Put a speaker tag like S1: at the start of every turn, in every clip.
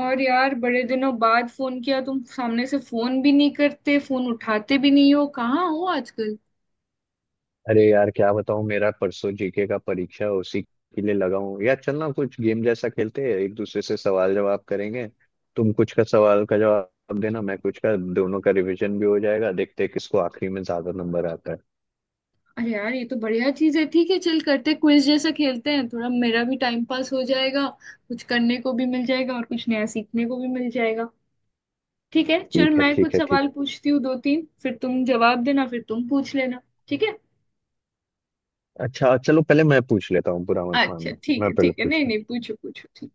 S1: और यार बड़े दिनों बाद फोन किया। तुम सामने से फोन भी नहीं करते, फोन उठाते भी नहीं हो। कहाँ हो आजकल?
S2: अरे यार क्या बताऊं मेरा परसों जीके का परीक्षा है, उसी के लिए लगा हूं यार। चल ना कुछ गेम जैसा खेलते हैं, एक दूसरे से सवाल जवाब करेंगे। तुम कुछ का सवाल का जवाब देना, मैं कुछ का। दोनों का रिवीजन भी हो जाएगा। देखते हैं किसको आखिरी में ज्यादा नंबर आता है।
S1: अरे यार, ये तो बढ़िया चीज है। ठीक है, चल करते, क्विज जैसा खेलते हैं। थोड़ा मेरा भी टाइम पास हो जाएगा, कुछ करने को भी मिल जाएगा और कुछ नया सीखने को भी मिल जाएगा। ठीक है, चल
S2: ठीक है,
S1: मैं कुछ
S2: ठीक है,
S1: सवाल
S2: ठीक
S1: पूछती हूँ दो तीन, फिर तुम जवाब देना, फिर तुम पूछ लेना। ठीक है।
S2: है। अच्छा चलो पहले मैं पूछ लेता हूँ, बुरा मत
S1: अच्छा,
S2: मानना,
S1: ठीक
S2: मैं
S1: है,
S2: पहले
S1: ठीक है,
S2: पूछ
S1: नहीं
S2: रहा हूं।
S1: नहीं, पूछो पूछो, ठीक।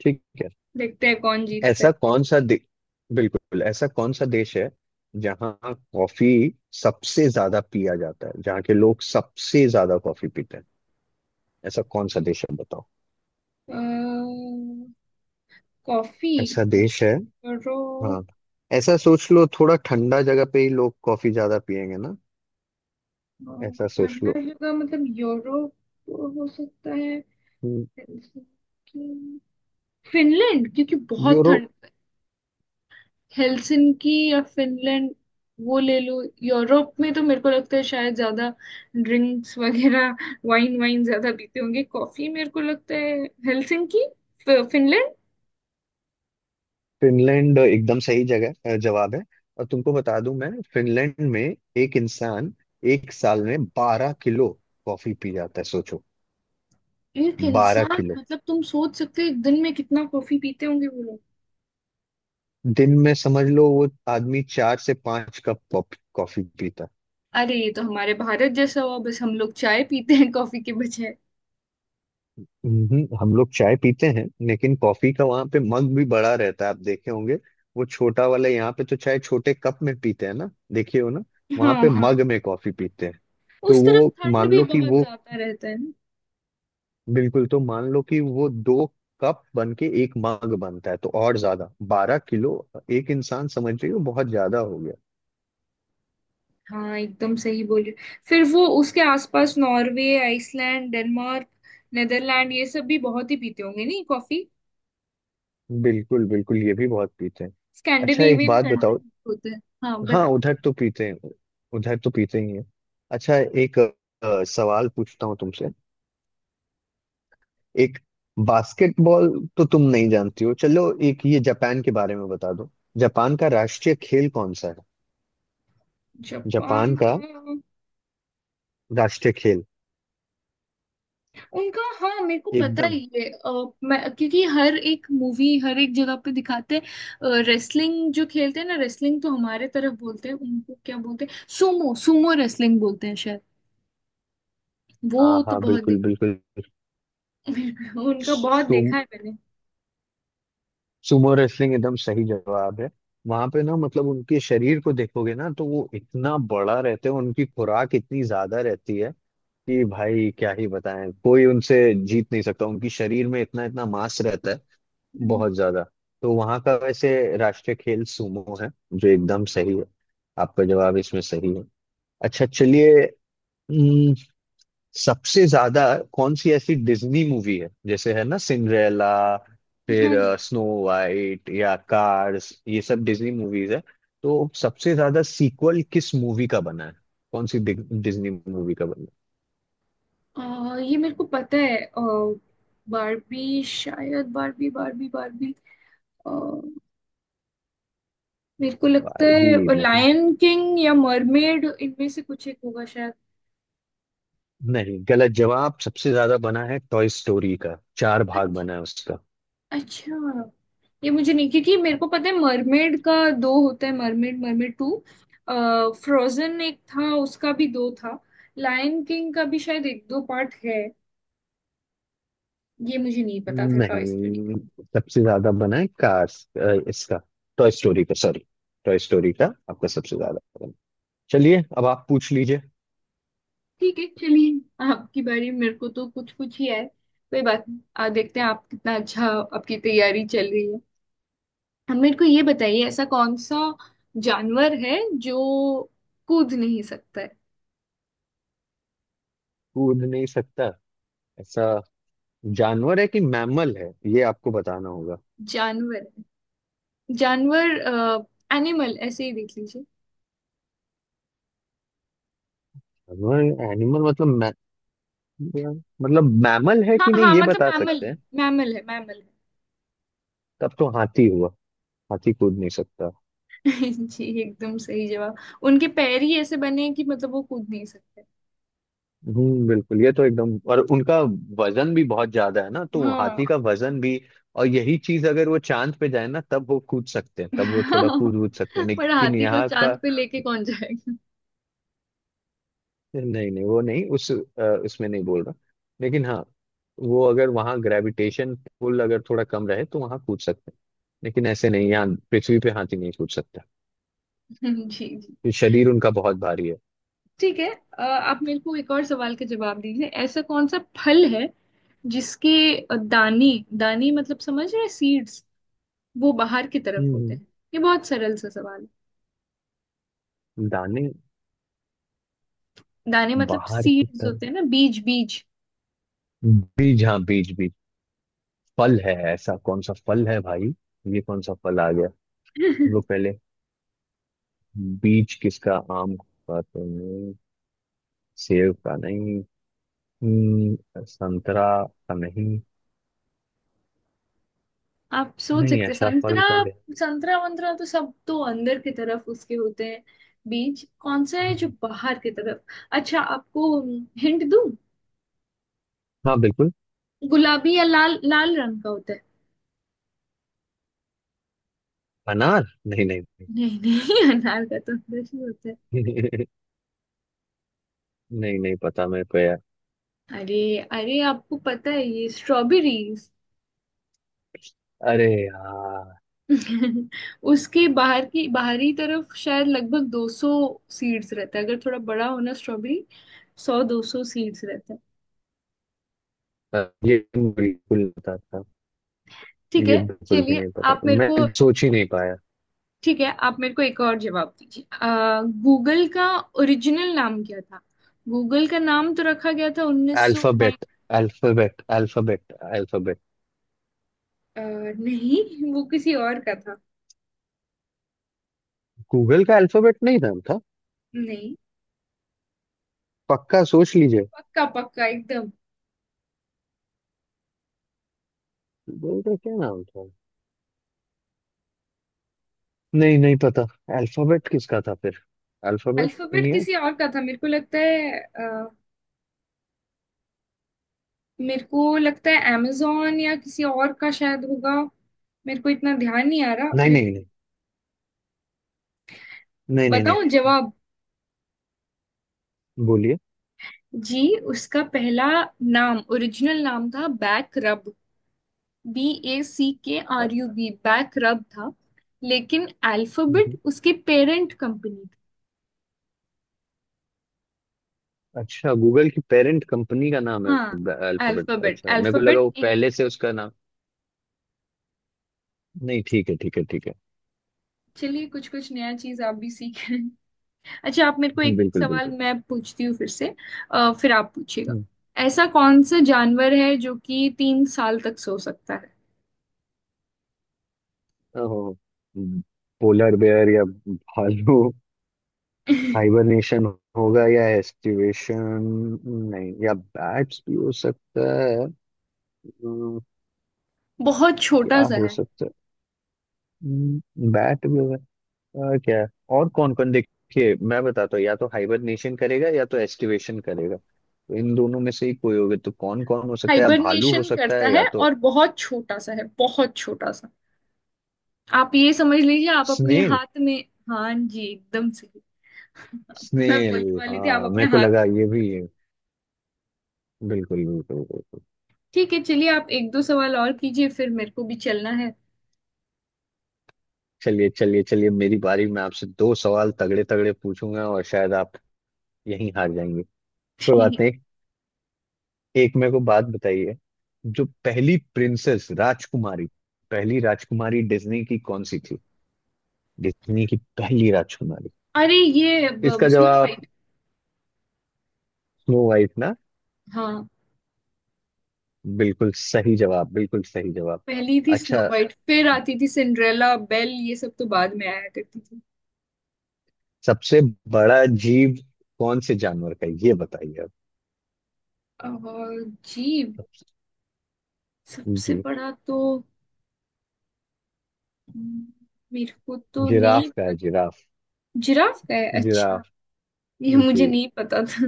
S2: ठीक है।
S1: देखते हैं कौन जीतता है।
S2: ऐसा कौन सा दे... बिल्कुल, ऐसा कौन सा देश है जहाँ कॉफी सबसे ज्यादा पिया जाता है, जहाँ के लोग सबसे ज्यादा कॉफी पीते हैं? ऐसा कौन सा देश है बताओ?
S1: अ, कॉफी
S2: ऐसा देश है।
S1: करो।
S2: हाँ। ऐसा सोच लो, थोड़ा ठंडा जगह पे ही लोग कॉफी ज्यादा पियेंगे ना।
S1: और
S2: ऐसा सोच लो।
S1: ठंडा जगह मतलब यूरोप। हो सकता है।
S2: हम्म।
S1: हेलसिंकी, फिनलैंड, क्योंकि बहुत
S2: यूरोप।
S1: ठंड। हेलसिंकी या फिनलैंड, वो ले लो। यूरोप में तो मेरे को लगता है शायद ज्यादा ड्रिंक्स वगैरह, वाइन वाइन ज्यादा पीते होंगे, कॉफी मेरे को लगता है। Helsinki, Finland.
S2: फिनलैंड एकदम सही जगह जवाब है। और तुमको बता दूं, मैं फिनलैंड में एक इंसान एक साल में 12 किलो कॉफी पी जाता है, सोचो।
S1: एक
S2: बारह
S1: इंसान
S2: किलो
S1: मतलब तुम सोच सकते हो एक दिन में कितना कॉफी पीते होंगे वो लोग।
S2: दिन में समझ लो, वो आदमी 4 से 5 कप कॉफी पीता।
S1: अरे ये तो हमारे भारत जैसा हुआ, बस हम लोग चाय पीते हैं कॉफी के बजाय।
S2: हम लोग चाय पीते हैं, लेकिन कॉफी का वहां पे मग भी बड़ा रहता है, आप देखे होंगे वो छोटा वाला। यहाँ पे तो चाय छोटे कप में पीते हैं ना, देखिए, हो ना। वहां
S1: हाँ
S2: पे
S1: हाँ,
S2: मग में कॉफी पीते हैं। तो
S1: उस तरफ
S2: वो
S1: ठंड
S2: मान
S1: भी
S2: लो कि
S1: बहुत
S2: वो,
S1: ज्यादा रहता है ना।
S2: बिल्कुल, तो मान लो कि वो 2 कप बन के एक मग बनता है, तो और ज्यादा। 12 किलो एक इंसान, समझ रही हो, बहुत ज्यादा हो गया।
S1: हाँ, एकदम सही बोले। फिर वो उसके आसपास नॉर्वे, आइसलैंड, डेनमार्क, नेदरलैंड, ये सब भी बहुत ही पीते होंगे नहीं कॉफी?
S2: बिल्कुल, बिल्कुल, ये भी बहुत पीते हैं। अच्छा एक
S1: स्कैंडिनेवियन
S2: बात बताओ।
S1: कंट्री होते हैं। हाँ
S2: हाँ,
S1: बता।
S2: उधर तो पीते हैं, उधर तो पीते ही हैं। अच्छा। एक सवाल पूछता हूँ तुमसे। एक बास्केटबॉल, तो तुम नहीं जानती हो। चलो एक ये जापान के बारे में बता दो। जापान का राष्ट्रीय खेल कौन सा है? जापान
S1: जापान का।
S2: का राष्ट्रीय खेल।
S1: उनका हाँ मेरे को पता
S2: एकदम।
S1: ही है। मैं क्योंकि हर एक मूवी हर एक जगह पे दिखाते हैं, रेसलिंग जो खेलते हैं ना, रेसलिंग तो हमारे तरफ बोलते हैं, उनको क्या बोलते हैं, सुमो, सुमो रेसलिंग बोलते हैं शायद। वो
S2: हाँ
S1: तो
S2: हाँ,
S1: बहुत
S2: बिल्कुल बिल्कुल।
S1: उनका बहुत
S2: तुम
S1: देखा है मैंने।
S2: सुमो रेसलिंग एकदम सही जवाब है। वहां पे ना, मतलब उनके शरीर को देखोगे ना तो वो इतना बड़ा रहते हैं, उनकी खुराक इतनी ज्यादा रहती है कि भाई क्या ही बताएं, कोई उनसे जीत नहीं सकता। उनकी शरीर में इतना इतना मांस रहता है,
S1: हम्म।
S2: बहुत ज्यादा। तो वहां का वैसे राष्ट्रीय खेल सूमो है, जो एकदम सही है। आपका जवाब इसमें सही है। अच्छा चलिए। हम्म, सबसे ज्यादा कौन सी ऐसी डिज्नी मूवी है, जैसे है ना सिंड्रेला,
S1: हाँ
S2: फिर
S1: जी।
S2: स्नो वाइट या कार्स, ये सब डिज्नी मूवीज है, तो सबसे ज्यादा सीक्वल किस मूवी का बना है? कौन सी डिज्नी मूवी का बना है?
S1: अ, ये मेरे को पता है। बारबी शायद, बारबी बारबी बारबी। अ, मेरे को लगता
S2: बारबी
S1: है
S2: नहीं,
S1: लायन किंग या मरमेड, इनमें से कुछ एक होगा शायद।
S2: नहीं गलत जवाब। सबसे ज्यादा बना है टॉय स्टोरी का, चार भाग
S1: अच्छा,
S2: बना है उसका।
S1: अच्छा, ये मुझे नहीं, क्योंकि मेरे को पता है मरमेड का दो होता है, मरमेड, मरमेड टू। फ्रोजन एक था, उसका भी दो था। लायन किंग का भी शायद एक दो पार्ट है। ये मुझे नहीं पता था, टॉय स्टोरी।
S2: नहीं, सबसे ज्यादा बना है कार्स इसका, टॉय स्टोरी का, सॉरी। टॉय स्टोरी का आपका सबसे ज्यादा बना। चलिए अब आप पूछ लीजिए।
S1: ठीक है, चलिए आपकी बारी। मेरे को तो कुछ कुछ ही है, कोई बात नहीं। आ देखते हैं आप कितना, अच्छा आपकी तैयारी चल रही है। अब मेरे को ये बताइए, ऐसा कौन सा जानवर है जो कूद नहीं सकता है?
S2: कूद नहीं सकता ऐसा जानवर है कि मैमल है, ये आपको बताना होगा।
S1: जानवर है, जानवर, एनिमल, ऐसे ही देख लीजिए।
S2: जानवर एनिमल मतलब मतलब मैमल है
S1: हाँ
S2: कि
S1: हाँ,
S2: नहीं, ये
S1: मतलब
S2: बता
S1: मैमल
S2: सकते
S1: है,
S2: हैं?
S1: मैमल है, मैमल है।
S2: तब तो हाथी हुआ, हाथी कूद नहीं सकता।
S1: जी एकदम सही जवाब। उनके पैर ही ऐसे बने हैं कि, मतलब वो कूद नहीं सकते।
S2: बिल्कुल, ये तो एकदम, और उनका वजन भी बहुत ज्यादा है ना, तो
S1: हाँ।
S2: हाथी का वजन भी। और यही चीज अगर वो चांद पे जाए ना तब वो कूद सकते हैं, तब वो थोड़ा कूद कूद सकते हैं,
S1: पर
S2: लेकिन
S1: हाथी को
S2: यहाँ का।
S1: चांद पे लेके कौन जाएगा?
S2: नहीं नहीं, वो नहीं, उस उसमें नहीं बोल रहा, लेकिन हाँ, वो अगर वहाँ ग्रेविटेशन पुल अगर थोड़ा कम रहे तो वहाँ कूद सकते हैं, लेकिन ऐसे नहीं, यहाँ पृथ्वी पे हाथी नहीं कूद सकता।
S1: जी जी।
S2: ये शरीर उनका बहुत भारी है।
S1: ठीक है, आप मेरे को एक और सवाल का जवाब दीजिए। ऐसा कौन सा फल है जिसके दाने, दाने मतलब समझ रहे सीड्स, वो बाहर की तरफ होते
S2: हम्म।
S1: हैं? ये बहुत सरल सा सवाल है।
S2: हम्म। दाने
S1: दाने मतलब
S2: बाहर की
S1: सीड्स
S2: तरफ।
S1: होते हैं ना, बीज बीज।
S2: बीज, हाँ, बीज बीज। फल है, ऐसा कौन सा फल है भाई? ये कौन सा फल आ गया? वो पहले बीज किसका? आम का तो नहीं, सेब का नहीं, हम्म, संतरा का नहीं।
S1: आप सोच
S2: नहीं,
S1: सकते हैं
S2: ऐसा फल
S1: संतरा?
S2: का दे।
S1: संतरा वंतरा तो सब तो अंदर की तरफ उसके होते हैं। बीज कौन सा है जो बाहर की तरफ? अच्छा आपको हिंट दूं,
S2: हाँ बिल्कुल।
S1: गुलाबी या लाल लाल रंग का होता है।
S2: अनार? नहीं, नहीं,
S1: नहीं नहीं अनार का तो अंदर ही होता है।
S2: नहीं। नहीं, नहीं पता मेरे को यार।
S1: अरे अरे, आपको पता है, ये स्ट्रॉबेरीज।
S2: अरे यार,
S1: उसके बाहर की बाहरी तरफ शायद लगभग 200 सीड्स रहता है। अगर थोड़ा बड़ा हो ना स्ट्रॉबेरी, 100 200 सीड्स रहता है।
S2: ये तो बिल्कुल नहीं पता था,
S1: ठीक
S2: ये
S1: है,
S2: बिल्कुल भी
S1: चलिए
S2: नहीं पता,
S1: आप मेरे
S2: मैं
S1: को,
S2: सोच ही नहीं पाया।
S1: ठीक है आप मेरे को एक और जवाब दीजिए। आ, गूगल का ओरिजिनल नाम क्या था? गूगल का नाम तो रखा गया था 1900 nine.
S2: Alphabet, Alphabet, Alphabet, Alphabet.
S1: नहीं, वो किसी और का था।
S2: गूगल का अल्फाबेट नहीं था?
S1: नहीं,
S2: पक्का सोच लीजिए।
S1: पक्का पक्का, एकदम।
S2: बोल रहे क्या नाम था? नहीं नहीं पता। अल्फाबेट किसका था फिर? Alphabet
S1: Alphabet
S2: India?
S1: किसी और का था मेरे को लगता है। मेरे को लगता है amazon या किसी और का शायद होगा। मेरे को इतना ध्यान नहीं आ रहा
S2: नहीं,
S1: मेरे।
S2: नहीं, नहीं, नहीं, नहीं, नहीं।
S1: बताऊं जवाब?
S2: बोलिए।
S1: जी, उसका पहला नाम, ओरिजिनल नाम था Back Rub. B A C K
S2: अ,
S1: R U B Back Rub था। लेकिन अल्फाबेट
S2: हम्म,
S1: उसकी पेरेंट कंपनी थी।
S2: अच्छा, गूगल की पेरेंट कंपनी का नाम है
S1: हाँ,
S2: अल्फाबेट,
S1: अल्फाबेट,
S2: अच्छा मेरे को लगा
S1: अल्फाबेट
S2: वो
S1: इंक।
S2: पहले से उसका नाम। नहीं ठीक है, ठीक है, ठीक है।
S1: चलिए, कुछ कुछ नया चीज आप भी सीख रहे हैं। अच्छा, आप मेरे को, एक
S2: बिल्कुल
S1: सवाल
S2: बिल्कुल।
S1: मैं पूछती हूँ फिर से। फिर आप पूछिएगा।
S2: हम्म,
S1: ऐसा कौन सा जानवर है जो कि 3 साल तक सो सकता है?
S2: ओहो, पोलर बेयर या भालू? हाइबरनेशन होगा या एस्टिवेशन? नहीं, या बैट्स भी हो सकता है। हम्म,
S1: बहुत छोटा
S2: क्या
S1: सा
S2: हो
S1: है।
S2: सकता है? बैट भी हो गया, और क्या है? और कौन कौन, देखिए मैं बताता हूँ, या तो हाइबरनेशन करेगा या तो एस्टिवेशन करेगा, तो इन दोनों में से ही कोई होगा, तो कौन कौन हो सकता है, या भालू हो
S1: हाइबरनेशन
S2: सकता
S1: करता
S2: है या
S1: है
S2: तो
S1: और बहुत छोटा सा है, बहुत छोटा सा। आप ये समझ लीजिए, आप अपने
S2: स्नेल।
S1: हाथ में। हाँ जी, एकदम सही। मैं
S2: स्नेल।
S1: बोलने वाली थी, आप
S2: हाँ,
S1: अपने
S2: मेरे को
S1: हाथ
S2: लगा
S1: में।
S2: ये भी है। बिल्कुल, बिल्कुल, बिल्कुल।
S1: ठीक है, चलिए आप एक दो सवाल और कीजिए, फिर मेरे को भी चलना है।
S2: चलिए, चलिए, चलिए, मेरी बारी। मैं आपसे दो सवाल तगड़े तगड़े पूछूंगा, और शायद आप यहीं हार जाएंगे। कोई बात नहीं। एक मेरे को बात बताइए, जो पहली प्रिंसेस, राजकुमारी, पहली राजकुमारी डिज्नी की कौन सी थी? डिज्नी की पहली राजकुमारी,
S1: अरे ये,
S2: इसका
S1: स्नो
S2: जवाब?
S1: वाइट।
S2: स्नो वाइट ना?
S1: हाँ,
S2: बिल्कुल सही जवाब, बिल्कुल सही जवाब।
S1: पहली थी स्नो
S2: अच्छा
S1: वाइट, फिर आती थी सिंड्रेला, बेल, ये सब तो बाद में आया करती थी।
S2: सबसे बड़ा जीव कौन से जानवर का है? ये बताइए आप।
S1: और जी, सबसे
S2: जी।
S1: बड़ा तो, हम्म, मेरे को तो नहीं
S2: जिराफ का
S1: पता।
S2: है, जिराफ,
S1: जिराफ का है? अच्छा,
S2: जिराफ।
S1: ये मुझे
S2: जी।
S1: नहीं पता था।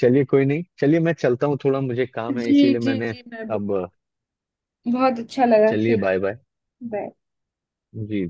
S2: चलिए कोई नहीं, चलिए मैं चलता हूँ, थोड़ा मुझे काम है,
S1: जी
S2: इसीलिए
S1: जी
S2: मैंने
S1: जी, मैं भी,
S2: अब।
S1: बहुत अच्छा लगा
S2: चलिए
S1: खेल।
S2: Bye bye.
S1: बाय।
S2: जी।